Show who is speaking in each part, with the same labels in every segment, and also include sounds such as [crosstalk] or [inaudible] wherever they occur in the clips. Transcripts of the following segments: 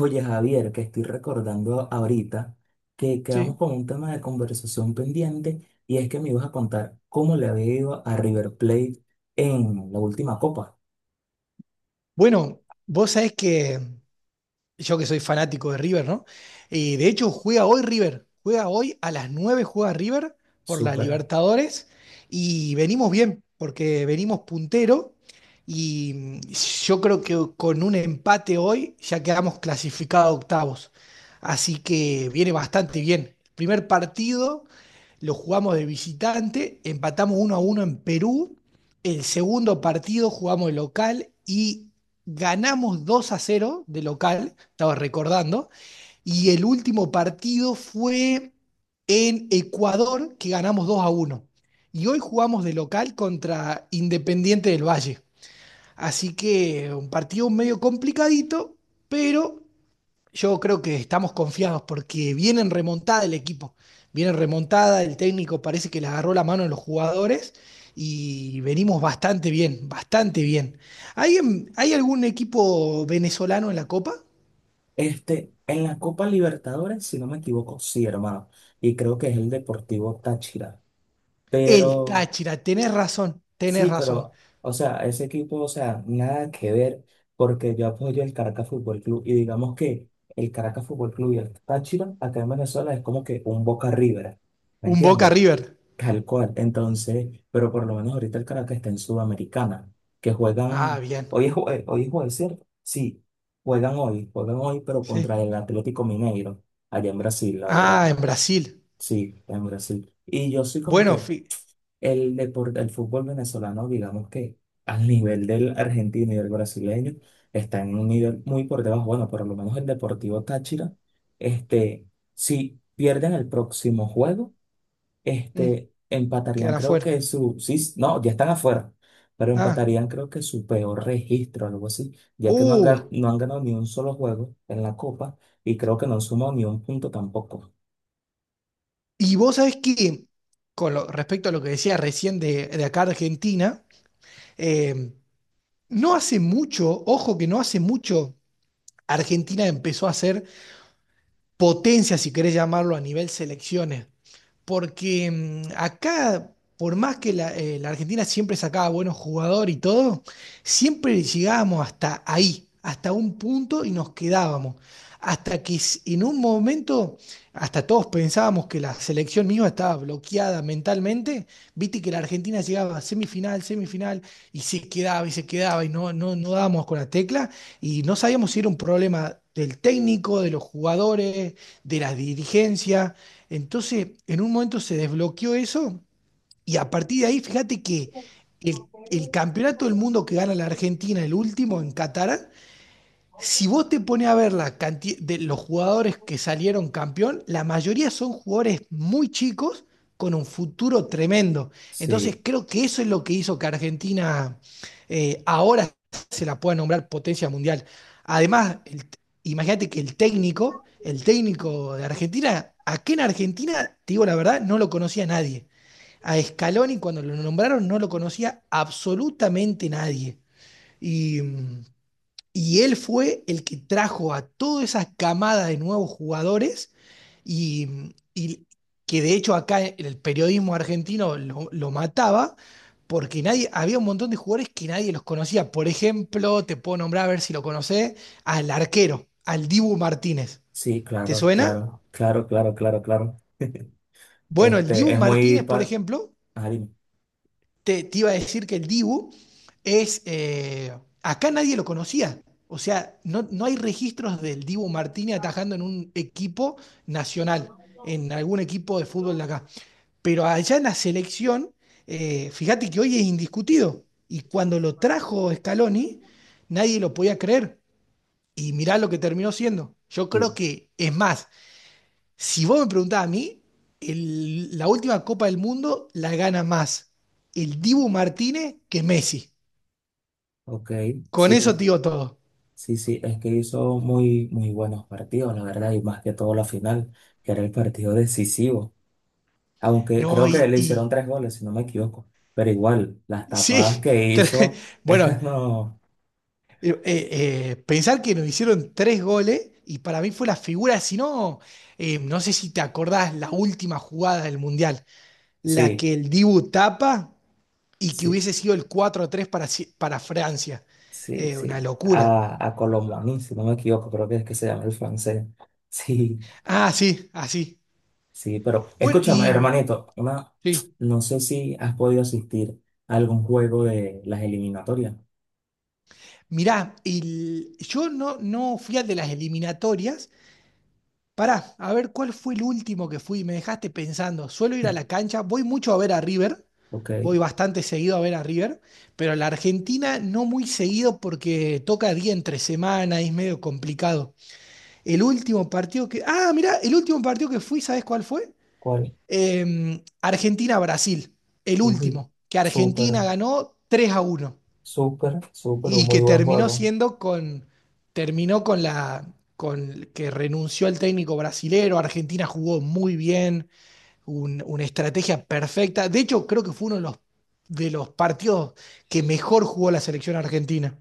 Speaker 1: Oye, Javier, que estoy recordando ahorita que quedamos
Speaker 2: Sí.
Speaker 1: con un tema de conversación pendiente y es que me ibas a contar cómo le había ido a River Plate en la última copa.
Speaker 2: Bueno, vos sabés que yo que soy fanático de River, ¿no? Y de hecho juega hoy River, juega hoy a las 9 juega River por las
Speaker 1: Súper.
Speaker 2: Libertadores y venimos bien, porque venimos puntero y yo creo que con un empate hoy ya quedamos clasificados a octavos. Así que viene bastante bien. Primer partido lo jugamos de visitante, empatamos 1-1 en Perú. El segundo partido jugamos de local y ganamos 2-0 de local estaba recordando. Y el último partido fue en Ecuador, que ganamos 2-1. Y hoy jugamos de local contra Independiente del Valle. Así que un partido medio complicadito, pero yo creo que estamos confiados porque viene en remontada el equipo. Viene en remontada, el técnico parece que le agarró la mano a los jugadores y venimos bastante bien, bastante bien. ¿Hay algún equipo venezolano en la Copa?
Speaker 1: Este, en la Copa Libertadores, si no me equivoco, sí, hermano. Y creo que es el Deportivo Táchira.
Speaker 2: El
Speaker 1: Pero.
Speaker 2: Táchira, tenés razón, tenés
Speaker 1: Sí,
Speaker 2: razón.
Speaker 1: pero, o sea, ese equipo, o sea, nada que ver, porque yo apoyo el Caracas Fútbol Club y digamos que el Caracas Fútbol Club y el Táchira acá en Venezuela es como que un Boca River, ¿me
Speaker 2: Un Boca
Speaker 1: entiendes?
Speaker 2: River.
Speaker 1: Tal cual. Entonces, pero por lo menos ahorita el Caracas está en Sudamericana, que
Speaker 2: Ah,
Speaker 1: juegan,
Speaker 2: bien.
Speaker 1: hoy es jueves, ¿cierto? Sí, juegan hoy, pero contra
Speaker 2: Sí.
Speaker 1: el Atlético Mineiro, allá en Brasil, la
Speaker 2: Ah, en
Speaker 1: verdad.
Speaker 2: Brasil.
Speaker 1: Sí, en Brasil. Y yo soy como
Speaker 2: Bueno,
Speaker 1: que. El deporte, el fútbol venezolano, digamos que al nivel del argentino y del brasileño, está en un nivel muy por debajo. Bueno, por lo menos el Deportivo Táchira, este, si pierden el próximo juego,
Speaker 2: mm,
Speaker 1: este, empatarían,
Speaker 2: quedan
Speaker 1: creo
Speaker 2: afuera.
Speaker 1: que su, sí, no, ya están afuera, pero
Speaker 2: Ah,
Speaker 1: empatarían, creo que su peor registro, algo así, ya que no han,
Speaker 2: uh.
Speaker 1: no han ganado ni un solo juego en la Copa y creo que no han sumado ni un punto tampoco.
Speaker 2: Y vos sabés que, con respecto a lo que decía recién de acá Argentina, eh, no hace mucho, ojo que no hace mucho, Argentina empezó a ser potencia, si querés llamarlo, a nivel selecciones. Porque acá, por más que la Argentina siempre sacaba buenos jugadores y todo, siempre llegábamos hasta ahí, hasta un punto y nos quedábamos. Hasta que en un momento, hasta todos pensábamos que la selección misma estaba bloqueada mentalmente, viste que la Argentina llegaba a semifinal, semifinal, y se quedaba y se quedaba y no, no, no dábamos con la tecla y no sabíamos si era un problema del técnico, de los jugadores, de la dirigencia. Entonces, en un momento se desbloqueó eso y a partir de ahí, fíjate que el campeonato del mundo que gana la Argentina, el último en Qatar, si vos te pones a ver la cantidad de los jugadores que salieron campeón, la mayoría son jugadores muy chicos con un futuro tremendo. Entonces
Speaker 1: Sí,
Speaker 2: creo que eso es lo que hizo que Argentina ahora se la pueda nombrar potencia mundial. Además, imagínate que el técnico de Argentina, aquí en Argentina, te digo la verdad, no lo conocía nadie. A Scaloni cuando lo nombraron no lo conocía absolutamente nadie. Y y él fue el que trajo a toda esa camada de nuevos jugadores y que de hecho acá el periodismo argentino lo mataba porque nadie, había un montón de jugadores que nadie los conocía. Por ejemplo, te puedo nombrar a ver si lo conocés, al arquero, al Dibu Martínez.
Speaker 1: sí,
Speaker 2: ¿Te
Speaker 1: claro,
Speaker 2: suena?
Speaker 1: claro, claro, claro, claro, claro.
Speaker 2: Bueno, el
Speaker 1: Este,
Speaker 2: Dibu
Speaker 1: es muy.
Speaker 2: Martínez, por ejemplo,
Speaker 1: Ah, dime.
Speaker 2: te iba a decir que el Dibu es, acá nadie lo conocía. O sea, no, no hay registros del Dibu Martínez atajando en un equipo nacional, en algún equipo de fútbol de acá. Pero allá en la selección, fíjate que hoy es indiscutido. Y cuando lo trajo Scaloni, nadie lo podía creer. Y mirá lo que terminó siendo. Yo creo
Speaker 1: Sí,
Speaker 2: que, es más, si vos me preguntás a mí, la última Copa del Mundo la gana más el Dibu Martínez que Messi.
Speaker 1: ok,
Speaker 2: Con
Speaker 1: sí,
Speaker 2: eso te digo todo.
Speaker 1: sí, sí, es que hizo muy, muy buenos partidos, la verdad, y más que todo la final, que era el partido decisivo. Aunque
Speaker 2: No,
Speaker 1: creo que le hicieron tres goles, si no me equivoco, pero igual, las tapadas
Speaker 2: sí,
Speaker 1: que
Speaker 2: [laughs] tre-
Speaker 1: hizo,
Speaker 2: bueno,
Speaker 1: [laughs] no,
Speaker 2: pensar que nos hicieron 3 goles y para mí fue la figura, si no, no sé si te acordás la última jugada del Mundial, la
Speaker 1: sí,
Speaker 2: que el Dibu tapa y que
Speaker 1: sí,
Speaker 2: hubiese sido el 4 tres para, para Francia.
Speaker 1: sí,
Speaker 2: Una
Speaker 1: sí,
Speaker 2: locura.
Speaker 1: a Colomboani, si no me equivoco, creo que es que se llama el francés, [laughs] sí.
Speaker 2: Ah, sí, así.
Speaker 1: Sí, pero
Speaker 2: Bueno,
Speaker 1: escúchame,
Speaker 2: y.
Speaker 1: hermanito, una,
Speaker 2: Sí.
Speaker 1: no sé si has podido asistir a algún juego de las eliminatorias,
Speaker 2: Mirá, yo no fui al de las eliminatorias. Pará, a ver cuál fue el último que fui. Me dejaste pensando. Suelo ir a la cancha, voy mucho a ver a River.
Speaker 1: ¿ok?
Speaker 2: Voy bastante seguido a ver a River, pero a la Argentina no muy seguido porque toca día entre semana y es medio complicado. El último partido que. Ah, mirá, el último partido que fui, ¿sabes cuál fue?
Speaker 1: ¿Cuál?
Speaker 2: Argentina-Brasil. El
Speaker 1: Uy,
Speaker 2: último, que
Speaker 1: súper,
Speaker 2: Argentina ganó 3-1.
Speaker 1: súper, súper, un
Speaker 2: Y
Speaker 1: muy
Speaker 2: que
Speaker 1: buen
Speaker 2: terminó
Speaker 1: juego.
Speaker 2: siendo con, terminó con la, con que renunció el técnico brasilero, Argentina jugó muy bien, una estrategia perfecta. De hecho, creo que fue uno de los partidos que mejor jugó la selección argentina,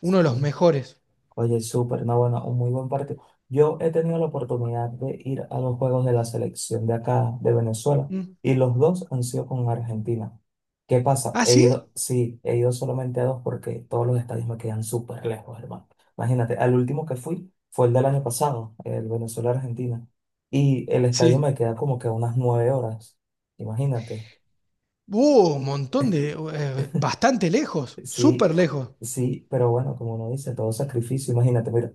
Speaker 2: uno de los mejores.
Speaker 1: Oye, súper, no, bueno, un muy buen partido. Yo he tenido la oportunidad de ir a los juegos de la selección de acá, de Venezuela,
Speaker 2: Mm.
Speaker 1: y los dos han sido con Argentina. ¿Qué pasa?
Speaker 2: ¿Ah,
Speaker 1: He
Speaker 2: sí?
Speaker 1: ido, sí, he ido solamente a dos porque todos los estadios me quedan súper lejos, hermano. Imagínate, al último que fui fue el del año pasado, el Venezuela-Argentina, y el estadio
Speaker 2: Sí.
Speaker 1: me queda como que a unas 9 horas. Imagínate,
Speaker 2: Hubo un montón de, bastante lejos,
Speaker 1: sí,
Speaker 2: súper lejos.
Speaker 1: sí, pero bueno, como uno dice, todo sacrificio, imagínate, mira.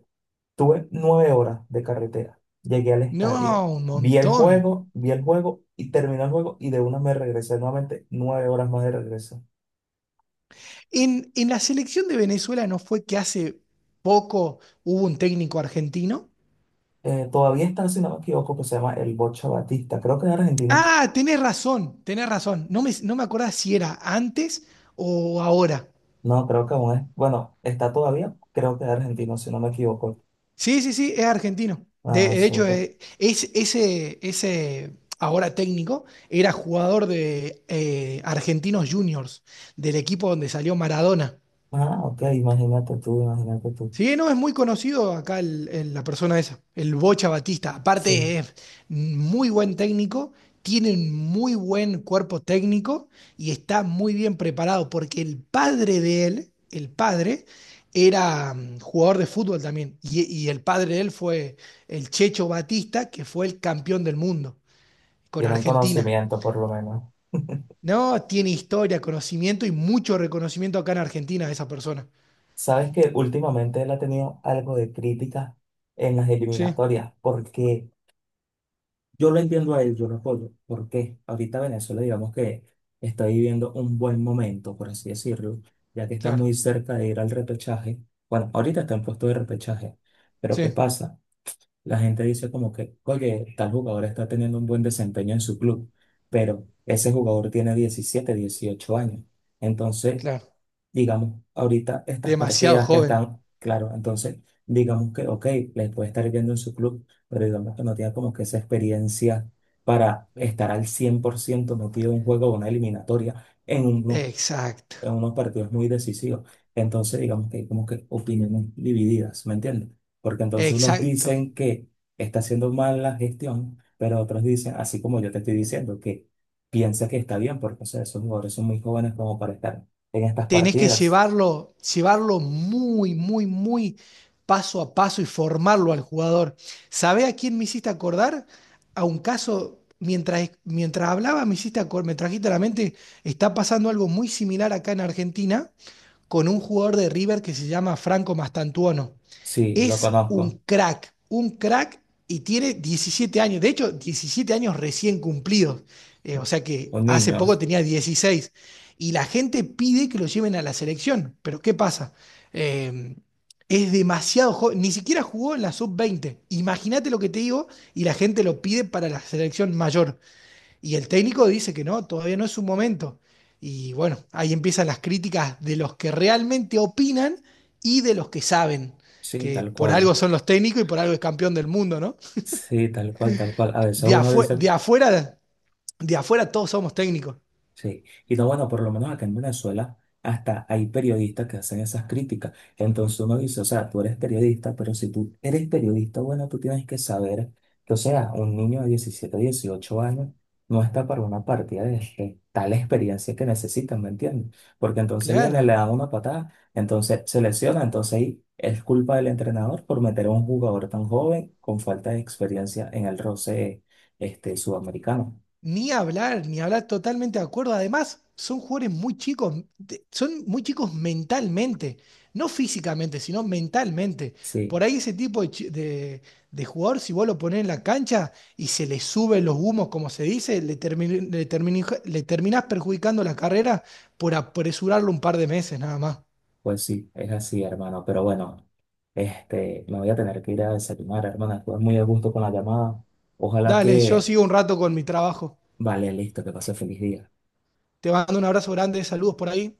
Speaker 1: Tuve 9 horas de carretera. Llegué al
Speaker 2: No,
Speaker 1: estadio.
Speaker 2: un montón.
Speaker 1: Vi el juego y terminó el juego y de una me regresé nuevamente 9 horas más de regreso.
Speaker 2: En la selección de Venezuela no fue que hace poco hubo un técnico argentino.
Speaker 1: Todavía está, si no me equivoco, que se llama el Bocha Batista. Creo que es argentino.
Speaker 2: Ah, tenés razón, tenés razón. No me acordaba si era antes o ahora.
Speaker 1: No, creo que aún es. Bueno, está todavía. Creo que es argentino, si no me equivoco.
Speaker 2: Sí, sí, sí, es argentino. De,
Speaker 1: Ah,
Speaker 2: de hecho,
Speaker 1: súper.
Speaker 2: ese ahora técnico era jugador de Argentinos Juniors, del equipo donde salió Maradona.
Speaker 1: Ah, ok, imagínate tú, imagínate tú.
Speaker 2: Sí, no, es muy conocido acá la persona esa, el Bocha Batista.
Speaker 1: Sí,
Speaker 2: Aparte es muy buen técnico, tiene un muy buen cuerpo técnico y está muy bien preparado porque el padre de él, el padre, era jugador de fútbol también. Y el padre de él fue el Checho Batista, que fue el campeón del mundo con
Speaker 1: tienen
Speaker 2: Argentina.
Speaker 1: conocimiento por lo menos. [laughs]
Speaker 2: No, tiene historia, conocimiento y mucho reconocimiento acá en Argentina esa persona.
Speaker 1: Sabes que últimamente él ha tenido algo de crítica en las
Speaker 2: Sí,
Speaker 1: eliminatorias, porque yo lo entiendo a él, yo lo apoyo, porque ahorita Venezuela, digamos que está viviendo un buen momento, por así decirlo, ya que está muy
Speaker 2: claro,
Speaker 1: cerca de ir al repechaje. Bueno, ahorita está en puesto de repechaje, pero ¿qué
Speaker 2: sí,
Speaker 1: pasa? La gente dice como que, oye, tal jugador está teniendo un buen desempeño en su club, pero ese jugador tiene 17 18 años. Entonces,
Speaker 2: claro.
Speaker 1: digamos, ahorita estas
Speaker 2: Demasiado
Speaker 1: partidas que
Speaker 2: joven.
Speaker 1: están, claro, entonces, digamos que, ok, les puede estar yendo en su club, pero digamos que no tiene como que esa experiencia para estar al 100% metido en un juego o una eliminatoria
Speaker 2: Exacto,
Speaker 1: en unos partidos muy decisivos. Entonces, digamos que hay como que opiniones divididas, ¿me entiendes? Porque entonces unos
Speaker 2: exacto.
Speaker 1: dicen que está haciendo mal la gestión, pero otros dicen, así como yo te estoy diciendo, que piensa que está bien, porque o sea, esos jugadores son muy jóvenes como para estar en estas
Speaker 2: Tenés que
Speaker 1: partidas.
Speaker 2: llevarlo, llevarlo muy, muy, muy paso a paso y formarlo al jugador. ¿Sabés a quién me hiciste acordar? A un caso, mientras hablaba, me trajiste a la mente, está pasando algo muy similar acá en Argentina con un jugador de River que se llama Franco Mastantuono.
Speaker 1: Sí, lo
Speaker 2: Es
Speaker 1: conozco.
Speaker 2: un crack y tiene 17 años, de hecho 17 años recién cumplidos, o sea que
Speaker 1: Un
Speaker 2: hace
Speaker 1: niño.
Speaker 2: poco tenía 16 y la gente pide que lo lleven a la selección, pero ¿qué pasa? Eh, es demasiado joven, ni siquiera jugó en la sub 20 imagínate lo que te digo y la gente lo pide para la selección mayor. Y el técnico dice que no, todavía no es su momento. Y bueno, ahí empiezan las críticas de los que realmente opinan y de los que saben,
Speaker 1: Sí,
Speaker 2: que
Speaker 1: tal
Speaker 2: por algo
Speaker 1: cual.
Speaker 2: son los técnicos y por algo es campeón del mundo, ¿no?
Speaker 1: Sí, tal cual, tal cual. A veces
Speaker 2: De,
Speaker 1: uno dice
Speaker 2: de afuera todos somos técnicos.
Speaker 1: sí, y no, bueno, por lo menos acá en Venezuela hasta hay periodistas que hacen esas críticas. Entonces uno dice, o sea, tú eres periodista, pero si tú eres periodista, bueno, tú tienes que saber que, o sea, un niño de 17 18 años no está para una partida de tal experiencia que necesitan, ¿me entiendes? Porque entonces
Speaker 2: Claro.
Speaker 1: viene, le dan una patada, entonces se lesiona, entonces ahí es culpa del entrenador por meter a un jugador tan joven con falta de experiencia en el roce, este, sudamericano.
Speaker 2: Ni hablar, ni hablar, totalmente de acuerdo. Además, son jugadores muy chicos, son muy chicos mentalmente, no físicamente, sino mentalmente. Por
Speaker 1: Sí,
Speaker 2: ahí ese tipo de, de jugador, si vos lo ponés en la cancha y se le suben los humos, como se dice, le terminás perjudicando la carrera por apresurarlo un par de meses nada más.
Speaker 1: pues sí, es así, hermano. Pero bueno, este, me voy a tener que ir a desayunar, hermano. Estuve muy a gusto con la llamada. Ojalá
Speaker 2: Dale, yo
Speaker 1: que,
Speaker 2: sigo un rato con mi trabajo.
Speaker 1: vale, listo, que pase feliz día.
Speaker 2: Te mando un abrazo grande, saludos por ahí.